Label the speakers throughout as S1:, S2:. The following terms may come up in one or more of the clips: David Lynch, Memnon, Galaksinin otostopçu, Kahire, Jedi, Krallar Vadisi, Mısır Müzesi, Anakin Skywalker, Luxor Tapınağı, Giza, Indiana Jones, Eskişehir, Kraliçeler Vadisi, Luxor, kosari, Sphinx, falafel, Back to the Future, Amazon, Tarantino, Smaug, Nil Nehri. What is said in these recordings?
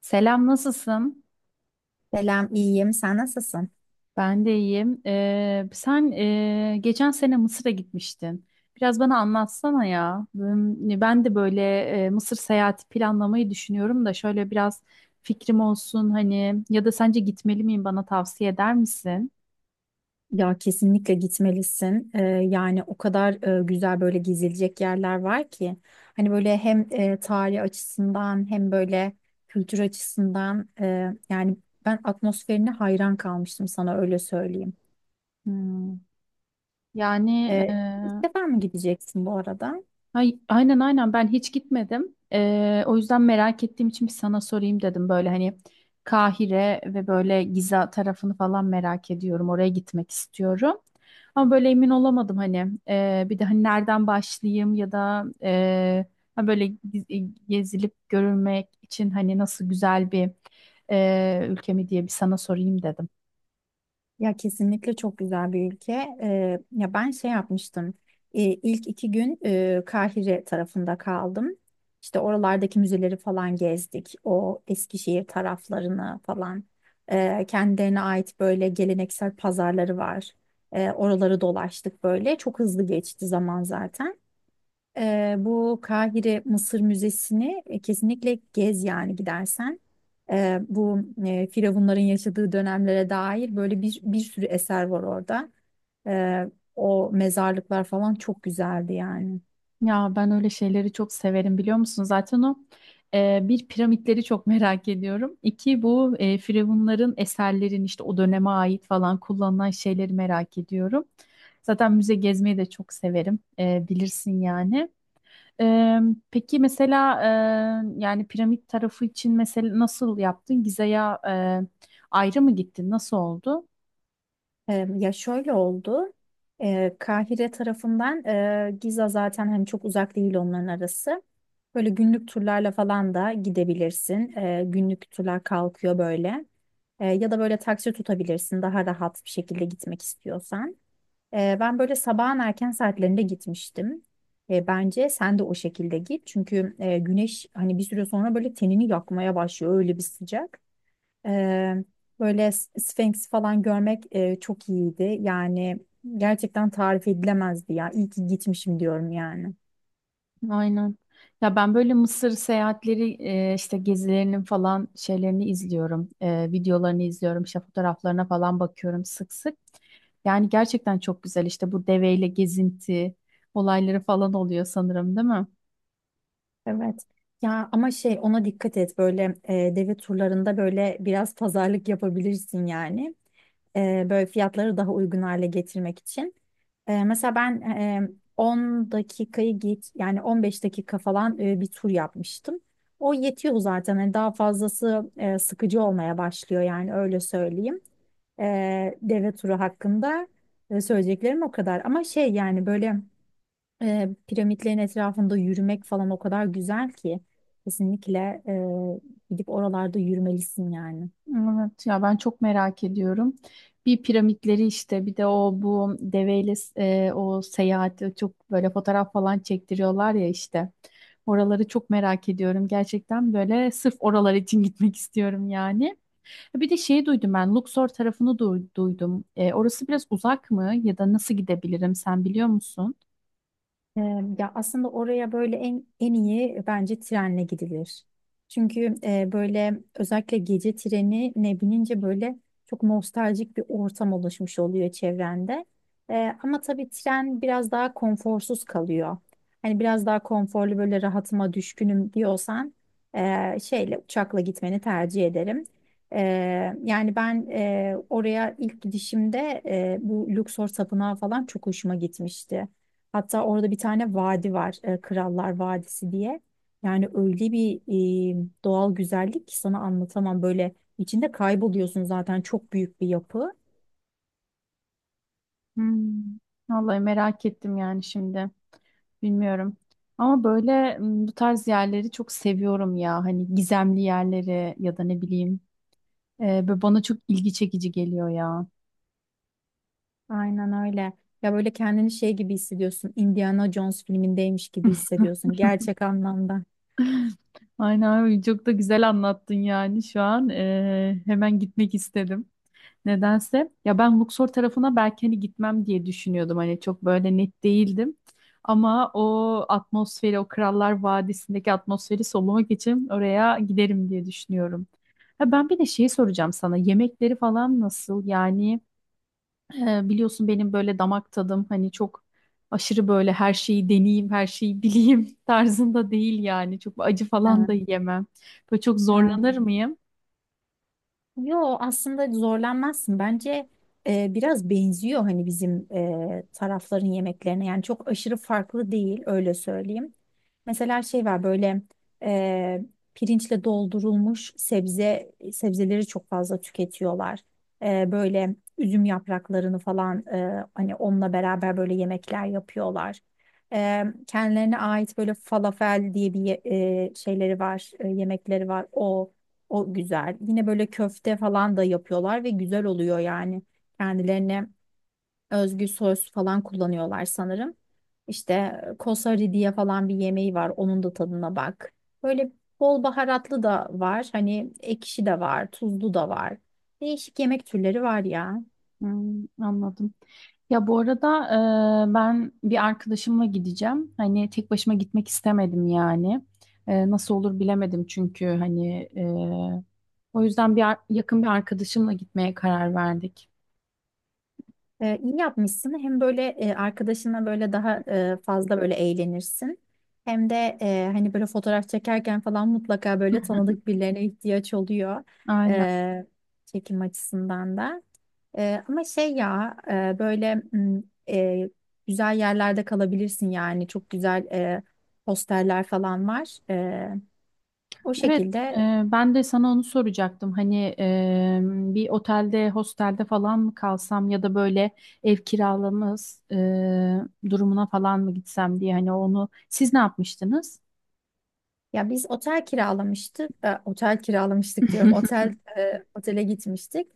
S1: Selam, nasılsın?
S2: Selam, iyiyim. Sen nasılsın?
S1: Ben de iyiyim. Sen geçen sene Mısır'a gitmiştin. Biraz bana anlatsana ya. Ben de böyle Mısır seyahati planlamayı düşünüyorum da şöyle biraz fikrim olsun, hani, ya da sence gitmeli miyim, bana tavsiye eder misin?
S2: Ya kesinlikle gitmelisin. Yani o kadar güzel böyle gezilecek yerler var ki. Hani böyle hem tarih açısından hem böyle kültür açısından yani ben atmosferine hayran kalmıştım sana öyle söyleyeyim.
S1: Hmm. Yani e,
S2: Ee, ilk defa mı gideceksin bu arada?
S1: Aynen, ben hiç gitmedim. O yüzden merak ettiğim için bir sana sorayım dedim. Böyle hani Kahire ve böyle Giza tarafını falan merak ediyorum. Oraya gitmek istiyorum. Ama böyle emin olamadım hani. Bir de hani nereden başlayayım ya da böyle gezilip görülmek için hani nasıl güzel bir ülke mi diye bir sana sorayım dedim.
S2: Ya kesinlikle çok güzel bir ülke. Ya ben şey yapmıştım. İlk iki gün Kahire tarafında kaldım. İşte oralardaki müzeleri falan gezdik. O Eskişehir taraflarını falan. Kendilerine ait böyle geleneksel pazarları var. Oraları dolaştık böyle. Çok hızlı geçti zaman zaten. Bu Kahire Mısır Müzesi'ni kesinlikle gez yani gidersen. Bu firavunların yaşadığı dönemlere dair böyle bir sürü eser var orada. O mezarlıklar falan çok güzeldi yani.
S1: Ya ben öyle şeyleri çok severim, biliyor musun? Zaten o, bir, piramitleri çok merak ediyorum. İki, bu firavunların eserlerin, işte o döneme ait falan kullanılan şeyleri merak ediyorum. Zaten müze gezmeyi de çok severim. E, bilirsin yani. Eee, peki mesela, yani piramit tarafı için mesela nasıl yaptın? Gize'ye eee, ayrı mı gittin? Nasıl oldu?
S2: Ya şöyle oldu. Kahire tarafından Giza zaten hani çok uzak değil onların arası. Böyle günlük turlarla falan da gidebilirsin. Günlük turlar kalkıyor böyle. Ya da böyle taksi tutabilirsin daha rahat bir şekilde gitmek istiyorsan. Ben böyle sabahın erken saatlerinde gitmiştim. Bence sen de o şekilde git. Çünkü güneş hani bir süre sonra böyle tenini yakmaya başlıyor öyle bir sıcak. Eee, Böyle Sphinx falan görmek çok iyiydi. Yani gerçekten tarif edilemezdi ya. İyi ki gitmişim diyorum yani.
S1: Aynen. Ya ben böyle Mısır seyahatleri işte gezilerinin falan şeylerini izliyorum. E, videolarını izliyorum. İşte fotoğraflarına falan bakıyorum sık sık. Yani gerçekten çok güzel, işte bu deveyle gezinti olayları falan oluyor sanırım, değil mi?
S2: Evet. Ya ama şey ona dikkat et böyle deve turlarında böyle biraz pazarlık yapabilirsin yani. Böyle fiyatları daha uygun hale getirmek için. Mesela ben 10 dakikayı git yani 15 dakika falan bir tur yapmıştım. O yetiyor zaten. Hani daha fazlası sıkıcı olmaya başlıyor yani öyle söyleyeyim. Deve turu hakkında söyleyeceklerim o kadar. Ama şey yani böyle piramitlerin etrafında yürümek falan o kadar güzel ki kesinlikle gidip oralarda yürümelisin yani.
S1: Evet, ya ben çok merak ediyorum. Bir, piramitleri, işte bir de o bu deveyle o seyahati, çok böyle fotoğraf falan çektiriyorlar ya işte. Oraları çok merak ediyorum. Gerçekten böyle sırf oralar için gitmek istiyorum yani. E, bir de şeyi duydum, ben Luxor tarafını duydum. E, orası biraz uzak mı ya da nasıl gidebilirim, sen biliyor musun?
S2: Ee, Ya aslında oraya böyle en iyi bence trenle gidilir. Çünkü böyle özellikle gece treni ne binince böyle çok nostaljik bir ortam oluşmuş oluyor çevrende. Ama tabii tren biraz daha konforsuz kalıyor. Hani biraz daha konforlu böyle rahatıma düşkünüm diyorsan şeyle uçakla gitmeni tercih ederim. Yani ben oraya ilk gidişimde bu Luxor Tapınağı falan çok hoşuma gitmişti. Hatta orada bir tane vadi var, Krallar Vadisi diye. Yani öyle bir doğal güzellik ki sana anlatamam. Böyle içinde kayboluyorsun zaten çok büyük bir yapı.
S1: Hmm. Vallahi merak ettim yani şimdi. Bilmiyorum. Ama böyle bu tarz yerleri çok seviyorum ya. Hani gizemli yerleri ya da ne bileyim. E, böyle bana çok ilgi çekici geliyor ya.
S2: Aynen öyle. Ya böyle kendini şey gibi hissediyorsun. Indiana Jones filmindeymiş gibi hissediyorsun gerçek anlamda.
S1: Aynen abi, çok da güzel anlattın yani şu an. E, hemen gitmek istedim. Nedense. Ya ben Luxor tarafına belki hani gitmem diye düşünüyordum. Hani çok böyle net değildim. Ama o atmosferi, o Krallar Vadisi'ndeki atmosferi solumak için oraya giderim diye düşünüyorum. Ha, ben bir de şeyi soracağım sana. Yemekleri falan nasıl? Yani, biliyorsun benim böyle damak tadım hani çok aşırı böyle her şeyi deneyeyim, her şeyi bileyim tarzında değil yani. Çok acı falan da
S2: Evet.
S1: yiyemem. Böyle çok zorlanır
S2: Aynen.
S1: mıyım?
S2: Yo aslında zorlanmazsın. Bence biraz benziyor hani bizim tarafların yemeklerine. Yani çok aşırı farklı değil öyle söyleyeyim. Mesela şey var böyle e, pirinçle doldurulmuş sebzeleri çok fazla tüketiyorlar. Böyle üzüm yapraklarını falan hani onunla beraber böyle yemekler yapıyorlar. Kendilerine ait böyle falafel diye bir şeyleri var, yemekleri var. O güzel. Yine böyle köfte falan da yapıyorlar ve güzel oluyor yani. Kendilerine özgü sos falan kullanıyorlar sanırım. İşte kosari diye falan bir yemeği var. Onun da tadına bak. Böyle bol baharatlı da var. Hani ekşi de var, tuzlu da var. Değişik yemek türleri var ya.
S1: Hmm, anladım. Ya bu arada, ben bir arkadaşımla gideceğim. Hani tek başıma gitmek istemedim yani. E, nasıl olur bilemedim çünkü hani, o yüzden bir yakın bir arkadaşımla gitmeye karar verdik.
S2: İyi yapmışsın. Hem böyle arkadaşına böyle daha fazla böyle eğlenirsin. Hem de hani böyle fotoğraf çekerken falan mutlaka böyle tanıdık birilerine ihtiyaç oluyor.
S1: Aynen.
S2: Ee, Çekim açısından da. Ama şey ya böyle e, güzel yerlerde kalabilirsin yani. Çok güzel posterler falan var. O
S1: Evet,
S2: şekilde.
S1: ben de sana onu soracaktım. Hani, bir otelde, hostelde falan mı kalsam ya da böyle ev kiralaması durumuna falan mı gitsem diye, hani onu siz ne yapmıştınız?
S2: Ya biz otel kiralamıştık, otele gitmiştik.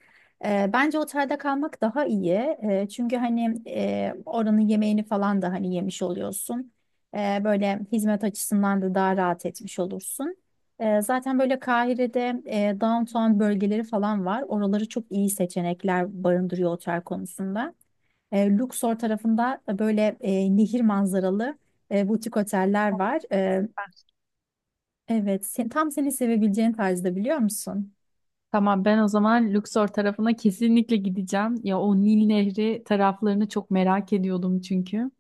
S2: Bence otelde kalmak daha iyi. Çünkü hani oranın yemeğini falan da hani yemiş oluyorsun. Böyle hizmet açısından da daha rahat etmiş olursun. Zaten böyle Kahire'de downtown bölgeleri falan var. Oraları çok iyi seçenekler barındırıyor otel konusunda. Luxor tarafında böyle nehir manzaralı butik oteller var. Evet, sen, tam seni sevebileceğin tarzda biliyor musun?
S1: Tamam, ben o zaman Luxor tarafına kesinlikle gideceğim. Ya o Nil Nehri taraflarını çok merak ediyordum çünkü.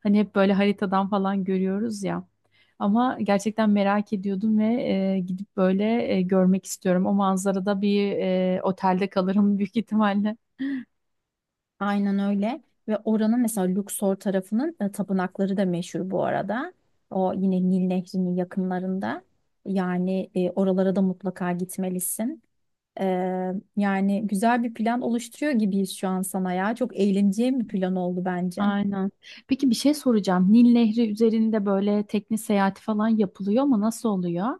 S1: Hani hep böyle haritadan falan görüyoruz ya. Ama gerçekten merak ediyordum ve gidip böyle görmek istiyorum. O manzarada bir otelde kalırım büyük ihtimalle.
S2: Aynen öyle. Ve oranın mesela Luxor tarafının tapınakları da meşhur bu arada. O yine Nil Nehri'nin yakınlarında. Yani oralara da mutlaka gitmelisin. E, Yani güzel bir plan oluşturuyor gibiyiz şu an sana ya. Çok eğleneceğin bir plan oldu bence.
S1: Aynen. Peki bir şey soracağım. Nil Nehri üzerinde böyle tekne seyahati falan yapılıyor mu? Nasıl oluyor?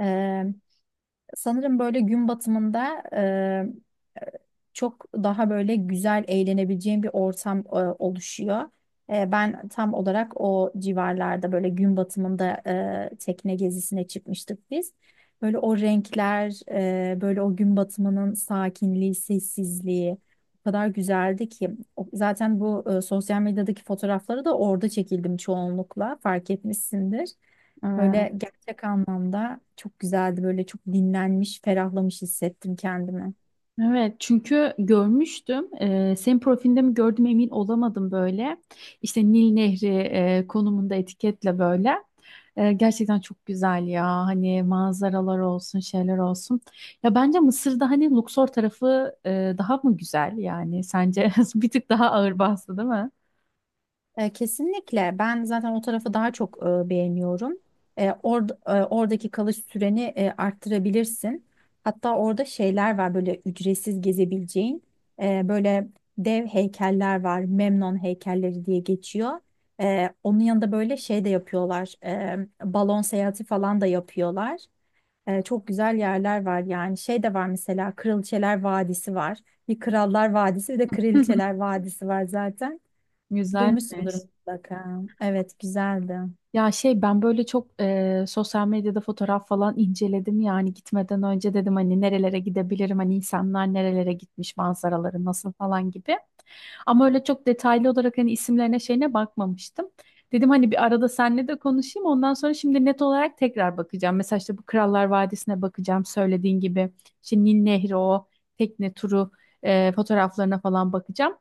S2: E, Sanırım böyle gün batımında çok daha böyle güzel eğlenebileceğim bir ortam oluşuyor. Ben tam olarak o civarlarda böyle gün batımında tekne gezisine çıkmıştık biz. Böyle o renkler, böyle o gün batımının sakinliği, sessizliği o kadar güzeldi ki. Zaten bu sosyal medyadaki fotoğrafları da orada çekildim çoğunlukla fark etmişsindir. Böyle gerçek anlamda çok güzeldi. Böyle çok dinlenmiş, ferahlamış hissettim kendimi.
S1: Evet, çünkü görmüştüm. Senin profilinde mi gördüm emin olamadım böyle. İşte Nil Nehri konumunda etiketle böyle. Gerçekten çok güzel ya. Hani manzaralar olsun, şeyler olsun. Ya bence Mısır'da hani Luxor tarafı daha mı güzel yani? Sence bir tık daha ağır bastı, değil mi?
S2: Kesinlikle. Ben zaten o tarafı daha çok beğeniyorum. Oradaki kalış süreni arttırabilirsin. Hatta orada şeyler var böyle ücretsiz gezebileceğin. Böyle dev heykeller var. Memnon heykelleri diye geçiyor. Onun yanında böyle şey de yapıyorlar. Balon seyahati falan da yapıyorlar. Çok güzel yerler var yani. Şey de var mesela Kraliçeler Vadisi var. Bir Krallar Vadisi bir de Kraliçeler Vadisi var zaten. Duymuşsundur
S1: Güzelmiş.
S2: mutlaka. Evet, güzeldi.
S1: Ya şey, ben böyle çok sosyal medyada fotoğraf falan inceledim, yani gitmeden önce dedim hani nerelere gidebilirim, hani insanlar nerelere gitmiş, manzaraları nasıl falan gibi. Ama öyle çok detaylı olarak hani isimlerine şeyine bakmamıştım. Dedim hani bir arada seninle de konuşayım, ondan sonra şimdi net olarak tekrar bakacağım. Mesela işte bu Krallar Vadisi'ne bakacağım söylediğin gibi. Şimdi Nil Nehri, o tekne turu fotoğraflarına falan bakacağım.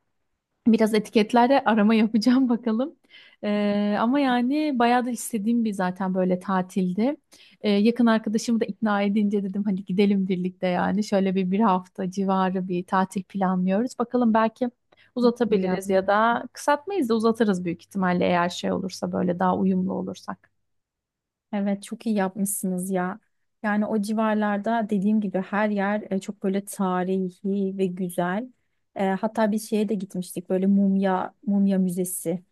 S1: Biraz etiketlerde arama yapacağım bakalım. Ama yani bayağı da istediğim bir zaten böyle tatildi. Yakın arkadaşımı da ikna edince dedim hani gidelim birlikte yani. Şöyle bir hafta civarı bir tatil planlıyoruz. Bakalım, belki
S2: İyi
S1: uzatabiliriz
S2: yapmış.
S1: ya da kısaltmayız da uzatırız büyük ihtimalle, eğer şey olursa, böyle daha uyumlu olursak.
S2: Evet, çok iyi yapmışsınız ya. Yani o civarlarda dediğim gibi her yer çok böyle tarihi ve güzel. Hatta bir şeye de gitmiştik. Böyle mumya müzesi.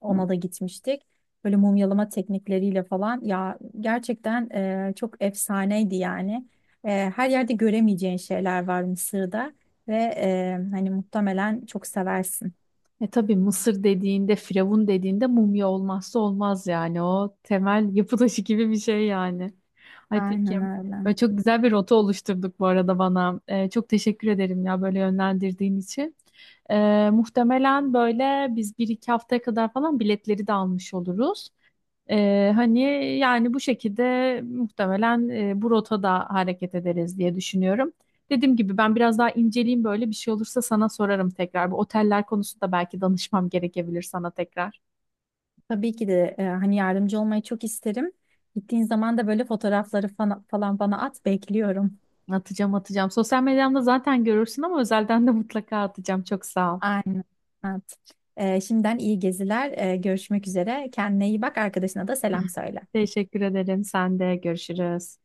S2: Ona da gitmiştik. Böyle mumyalama teknikleriyle falan. Ya gerçekten çok efsaneydi yani. E, Her yerde göremeyeceğin şeyler var Mısır'da ve hani muhtemelen çok seversin.
S1: E tabii, Mısır dediğinde, Firavun dediğinde mumya olmazsa olmaz yani. O temel yapı taşı gibi bir şey yani. Ay peki.
S2: Aynen öyle.
S1: Böyle çok güzel bir rota oluşturduk bu arada bana. E, çok teşekkür ederim ya, böyle yönlendirdiğin için. E, muhtemelen böyle biz bir iki haftaya kadar falan biletleri de almış oluruz. E, hani yani bu şekilde muhtemelen bu rotada hareket ederiz diye düşünüyorum. Dediğim gibi ben biraz daha inceleyeyim, böyle bir şey olursa sana sorarım tekrar. Bu oteller konusunda belki danışmam gerekebilir sana tekrar.
S2: Tabii ki de hani yardımcı olmayı çok isterim. Gittiğin zaman da böyle fotoğrafları falan bana at, bekliyorum.
S1: Atacağım, atacağım. Sosyal medyamda zaten görürsün ama özelden de mutlaka atacağım. Çok sağ ol.
S2: Aynen. Evet. Şimdiden iyi geziler. Görüşmek üzere. Kendine iyi bak, arkadaşına da selam söyle.
S1: Teşekkür ederim. Sen de görüşürüz.